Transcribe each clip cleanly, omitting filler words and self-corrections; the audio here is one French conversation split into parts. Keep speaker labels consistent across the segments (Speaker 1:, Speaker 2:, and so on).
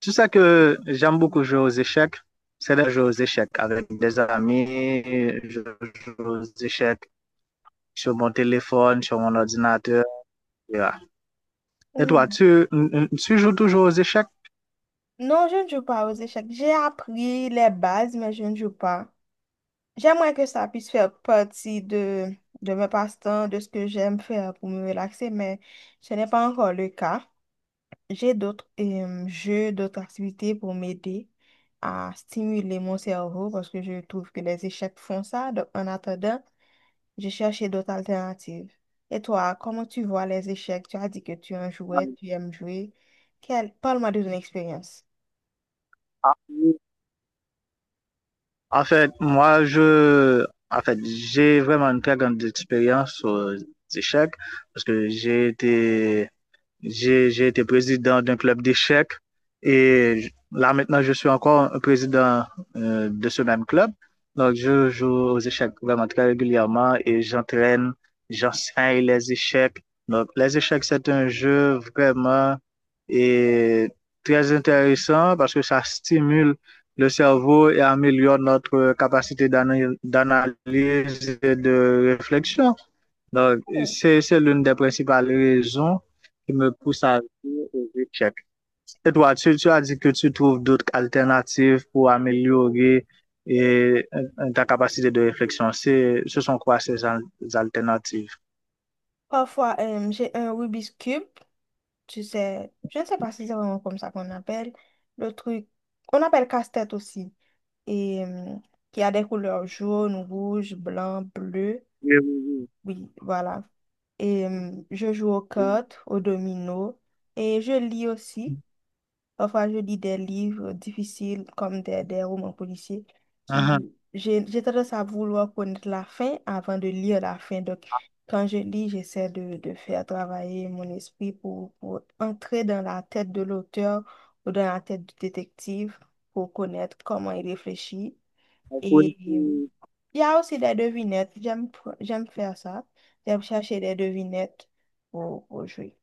Speaker 1: Tout ça que j'aime beaucoup jouer aux échecs. C'est de jouer aux échecs avec des amis. Je joue aux échecs sur mon téléphone, sur mon ordinateur. etc. Et
Speaker 2: Euh,
Speaker 1: toi, tu joues toujours aux échecs?
Speaker 2: Non, je ne joue pas aux échecs. J'ai appris les bases, mais je ne joue pas. J'aimerais que ça puisse faire partie de mes passe-temps, de ce que j'aime faire pour me relaxer, mais ce n'est pas encore le cas. J'ai d'autres jeux, d'autres activités pour m'aider à stimuler mon cerveau parce que je trouve que les échecs font ça. Donc, en attendant, j'ai cherché d'autres alternatives. Et toi, comment tu vois les échecs? Tu as dit que tu en jouais, tu aimes jouer. Quelle... Parle-moi de ton expérience.
Speaker 1: En fait, moi, j'ai vraiment une très grande expérience aux échecs parce que j'ai été président d'un club d'échecs et là maintenant je suis encore un président de ce même club. Donc je joue aux échecs vraiment très régulièrement et j'enseigne les échecs. Donc les échecs c'est un jeu vraiment et très intéressant parce que ça stimule le cerveau et améliore notre capacité d'analyse et de réflexion. Donc, c'est l'une des principales raisons qui me pousse à dire aux échecs. Et toi, tu as dit que tu trouves d'autres alternatives pour améliorer ta capacité de réflexion. Ce sont quoi ces alternatives?
Speaker 2: Parfois, j'ai un Rubik's Cube, tu sais, je ne sais pas si c'est vraiment comme ça qu'on appelle le truc. On appelle casse-tête aussi. Et qui a des couleurs jaune, rouge, blanc, bleu.
Speaker 1: Oui, oui,
Speaker 2: Oui, voilà. Et je joue aux
Speaker 1: oui.
Speaker 2: cartes, aux dominos. Et je lis aussi. Parfois, je lis des livres difficiles comme des romans policiers
Speaker 1: Mhm.
Speaker 2: qui, j'ai tendance à vouloir connaître la fin avant de lire la fin. Donc, quand je lis, j'essaie de faire travailler mon esprit pour entrer dans la tête de l'auteur ou dans la tête du détective pour connaître comment il réfléchit. Et
Speaker 1: Oui.
Speaker 2: il
Speaker 1: Oui.
Speaker 2: y a aussi des devinettes. J'aime faire ça. J'aime chercher des devinettes pour jouer.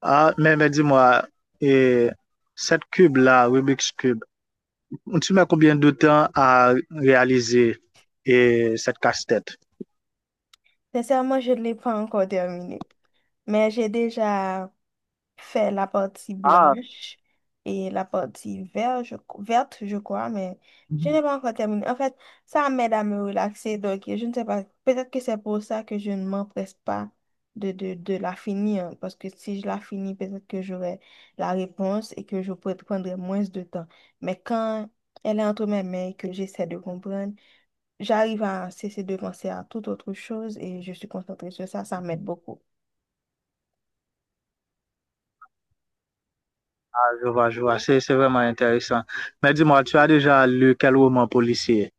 Speaker 1: Ah, mais dis-moi, et cette cube-là, Rubik's Cube, tu mets combien de temps à réaliser et cette casse-tête?
Speaker 2: Sincèrement, je ne l'ai pas encore terminé, mais j'ai déjà fait la partie
Speaker 1: Ah,
Speaker 2: blanche et la partie verte, je crois, mais je n'ai pas encore terminé. En fait, ça m'aide à me relaxer, donc je ne sais pas, peut-être que c'est pour ça que je ne m'empresse pas de la finir, parce que si je la finis, peut-être que j'aurai la réponse et que je pourrai prendre moins de temps. Mais quand elle est entre mes mains et que j'essaie de comprendre, j'arrive à cesser de penser à toute autre chose et je suis concentrée sur ça, ça m'aide beaucoup.
Speaker 1: Ah, je vois, je vois. C'est vraiment intéressant. Mais dis-moi, tu as déjà lu quel roman policier?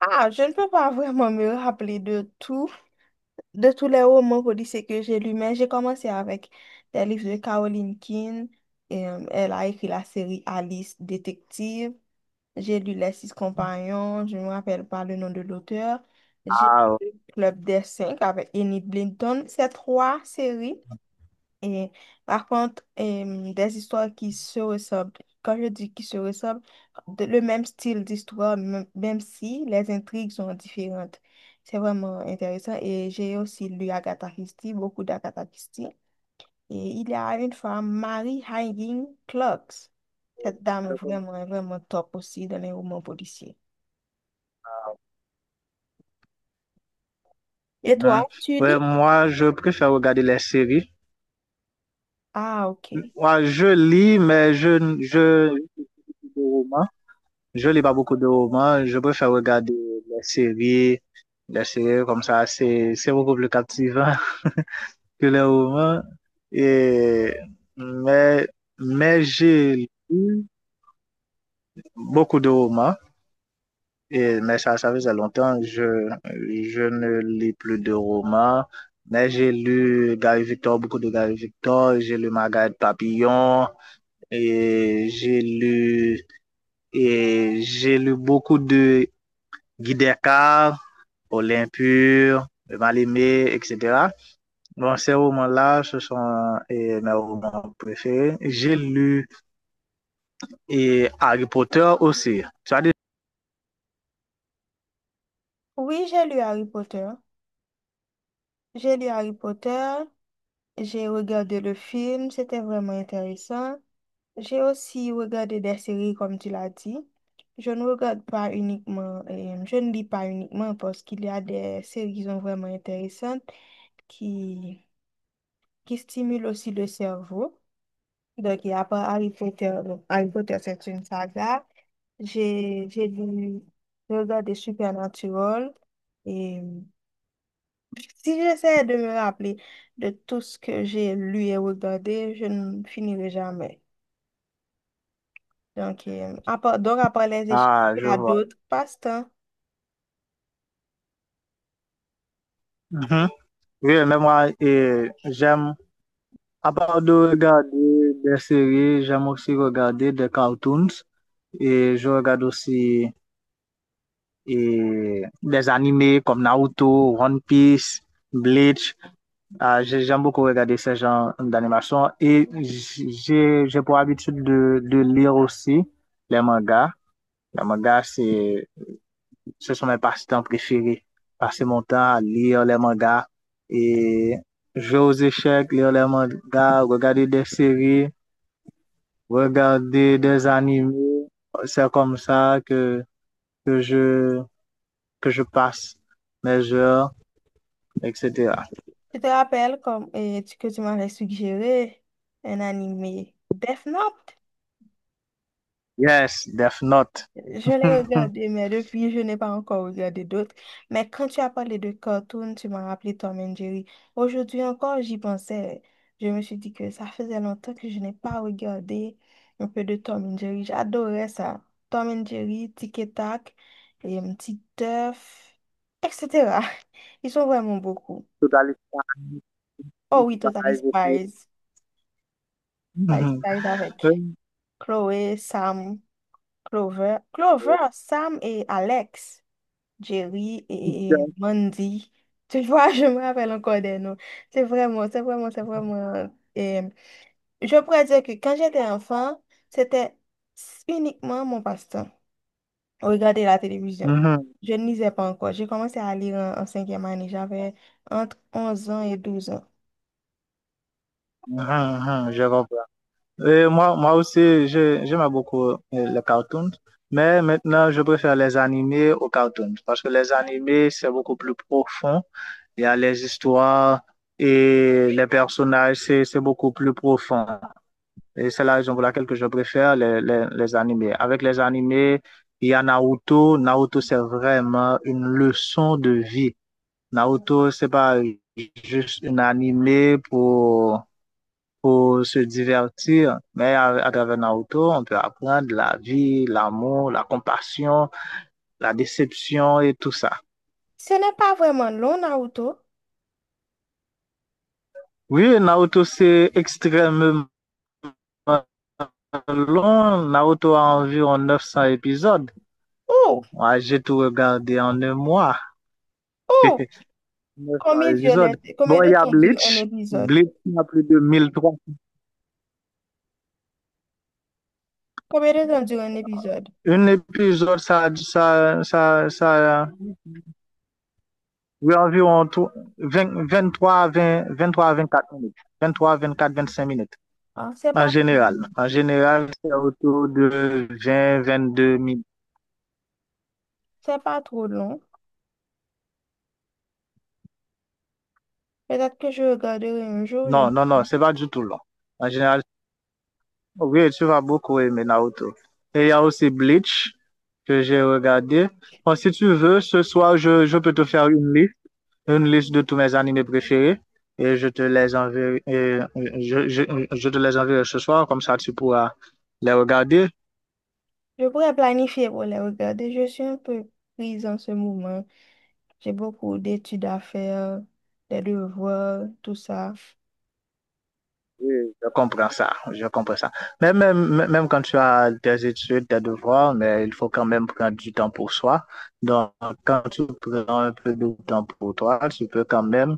Speaker 2: Ah, je ne peux pas vraiment me rappeler de tout, de tous les romans policiers que j'ai lus, mais j'ai commencé avec des livres de Caroline King. Et, elle a écrit la série Alice Détective. J'ai lu Les Six Compagnons, je ne me rappelle pas le nom de l'auteur. J'ai
Speaker 1: Ah,
Speaker 2: lu
Speaker 1: ok.
Speaker 2: Le Club des Cinq avec Enid Blinton. Ces trois séries et raconte des histoires qui se ressemblent. Quand je dis qui se ressemblent, le même style d'histoire, même si les intrigues sont différentes. C'est vraiment intéressant. Et j'ai aussi lu Agatha Christie, beaucoup d'Agatha Christie. Et il y a une femme, Mary Higgins Clark. Cette dame
Speaker 1: Je
Speaker 2: est
Speaker 1: connais.
Speaker 2: vraiment, vraiment top aussi dans les romans policiers. Et
Speaker 1: Hein.
Speaker 2: toi, tu
Speaker 1: Ouais,
Speaker 2: lis?
Speaker 1: moi, je préfère regarder les séries.
Speaker 2: Ah, ok.
Speaker 1: Moi, je lis, mais de romans. Je lis pas beaucoup de romans. Je préfère regarder les séries. Les séries comme ça, c'est beaucoup plus captivant que les romans. Et, mais, mais j'ai lu beaucoup de romans. Et, mais ça faisait longtemps, je ne lis plus de romans, mais j'ai lu Gary Victor, beaucoup de Gary Victor, j'ai lu Margaret Papillon, et j'ai lu, et j'ai lu beaucoup de Guy Descartes, Olympure, Mal-Aimé, etc. Bon, ces romans-là, ce sont mes romans préférés. J'ai lu et Harry Potter aussi.
Speaker 2: Oui, j'ai lu Harry Potter. J'ai lu Harry Potter. J'ai regardé le film, c'était vraiment intéressant. J'ai aussi regardé des séries, comme tu l'as dit. Je ne regarde pas uniquement, je ne lis pas uniquement parce qu'il y a des séries qui sont vraiment intéressantes qui, qui stimulent aussi le cerveau. Donc, il y a pas Harry Potter. Donc, Harry Potter, c'est une saga. J'ai, j'ai lu, j'ai regardé Supernatural et si j'essaie de me rappeler de tout ce que j'ai lu et regardé, je ne finirai jamais. Donc, donc après les échecs,
Speaker 1: Ah,
Speaker 2: il
Speaker 1: je
Speaker 2: y a
Speaker 1: vois.
Speaker 2: d'autres passe-temps.
Speaker 1: Mhm. Oui, mais moi, eh, j'aime À part de regarder des séries, j'aime aussi regarder des cartoons et je regarde aussi et des animés comme Naruto, One Piece, Bleach. Ah, j'aime beaucoup regarder ces genres d'animation et j'ai pour habitude de lire aussi les mangas. Les mangas, ce sont mes passe-temps préférés. Passer mon temps à lire les mangas et jouer aux échecs, lire les mangas, regarder des séries. Regarder des animés. C'est comme ça que je, que je passe mes heures, etc.
Speaker 2: Tu te rappelles comme, que tu m'avais suggéré un animé Death Note?
Speaker 1: Yes, Death Note.
Speaker 2: Je l'ai regardé, mais depuis, je n'ai pas encore regardé d'autres. Mais quand tu as parlé de cartoon, tu m'as rappelé Tom and Jerry. Aujourd'hui encore, j'y pensais. Je me suis dit que ça faisait longtemps que je n'ai pas regardé un peu de Tom and Jerry. J'adorais ça. Tom and Jerry, Tic et Tac, et un petit Teuf, etc. Ils sont vraiment beaucoup.
Speaker 1: Totally
Speaker 2: Oh
Speaker 1: fine,
Speaker 2: oui, Totally
Speaker 1: five, eight.
Speaker 2: Spies. Totally
Speaker 1: Mhm.
Speaker 2: Spies avec Chloé, Sam, Clover. Clover, Sam et Alex. Jerry
Speaker 1: Mhm,
Speaker 2: et Mandy. Tu vois, je me rappelle encore des noms. C'est vraiment, c'est vraiment, c'est vraiment. euh, Et je pourrais dire que quand j'étais enfant, c'était uniquement mon passe-temps. Regarder la télévision.
Speaker 1: mhm,
Speaker 2: Je ne lisais pas encore. J'ai commencé à lire en cinquième année. J'avais entre 11 ans et 12 ans.
Speaker 1: mhm, Je comprends. Et moi, moi aussi, j'aime beaucoup les cartoons, mais maintenant, je préfère les animés aux cartoons parce que les animés, c'est beaucoup plus profond. Il y a les histoires et les personnages, c'est beaucoup plus profond. Et c'est la raison pour laquelle que je préfère les animés. Avec les animés, il y a Naruto. Naruto, c'est vraiment une leçon de vie. Naruto, c'est pas juste un animé pour se divertir. Mais à travers Naruto, on peut apprendre la vie, l'amour, la compassion, la déception et tout ça.
Speaker 2: Ce n'est pas vraiment long, Naruto.
Speaker 1: Oui, Naruto, c'est extrêmement long. Naruto a environ 900 épisodes.
Speaker 2: Oh,
Speaker 1: Moi, j'ai tout regardé en un mois.
Speaker 2: oh,
Speaker 1: 900 épisodes. Bon,
Speaker 2: combien de
Speaker 1: il y a
Speaker 2: temps dure un
Speaker 1: Bleach.
Speaker 2: épisode?
Speaker 1: Bleach a plus de 1300.
Speaker 2: Combien de temps dure un épisode?
Speaker 1: Un épisode, oui, environ 20 23, 20, vingt quatre minutes. Vingt vingt trois quatre vingt cinq minutes.
Speaker 2: Ah, c'est
Speaker 1: En
Speaker 2: pas,
Speaker 1: général. En général, c'est autour de vingt deux minutes.
Speaker 2: c'est pas trop long. Peut-être que je regarderai un jour.
Speaker 1: Non, non, non, c'est pas du tout long. En général, oui, tu vas beaucoup aimer Naruto. Et il y a aussi Bleach que j'ai regardé. Bon, si tu veux, ce soir, je peux te faire une liste de tous mes animés préférés. Et je te les enverrai, et je, je, je te les enverrai ce soir, comme ça tu pourras les regarder.
Speaker 2: Je pourrais planifier pour les regarder. Je suis un peu prise en ce moment. J'ai beaucoup d'études à faire, des devoirs, tout ça.
Speaker 1: Oui, je comprends ça, je comprends ça. Mais même quand tu as tes études, tes devoirs, mais il faut quand même prendre du temps pour soi. Donc, quand tu prends un peu de temps pour toi, tu peux quand même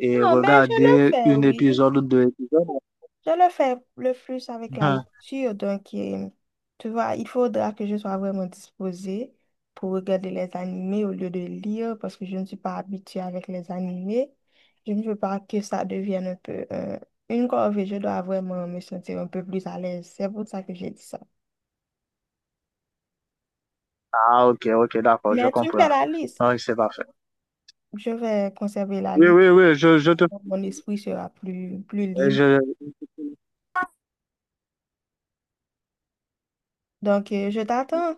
Speaker 1: et
Speaker 2: Non, mais je le
Speaker 1: regarder
Speaker 2: fais,
Speaker 1: un
Speaker 2: oui.
Speaker 1: épisode ou deux épisodes.
Speaker 2: Je le fais le plus avec la
Speaker 1: Mhm.
Speaker 2: lecture, donc tu vois, il faudra que je sois vraiment disposée pour regarder les animés au lieu de lire parce que je ne suis pas habituée avec les animés. Je ne veux pas que ça devienne un peu une corvée. Je dois vraiment me sentir un peu plus à l'aise. C'est pour ça que j'ai dit ça.
Speaker 1: Ah, ok, ok, d'accord, je
Speaker 2: Mais tu me fais
Speaker 1: comprends.
Speaker 2: la liste.
Speaker 1: Oui, c'est parfait.
Speaker 2: Je vais conserver la
Speaker 1: Oui,
Speaker 2: liste.
Speaker 1: oui, oui,
Speaker 2: Mon esprit sera plus libre.
Speaker 1: je,
Speaker 2: Donc, je t'attends.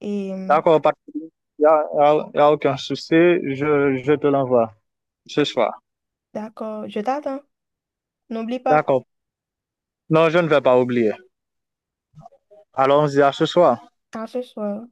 Speaker 2: Et
Speaker 1: d'accord, pas, de problème. Il y a, y a- Y a aucun souci, je te l'envoie ce soir.
Speaker 2: d'accord, je t'attends. N'oublie pas,
Speaker 1: D'accord. Non, je ne vais pas oublier. Allons-y à ce soir.
Speaker 2: à ce soir.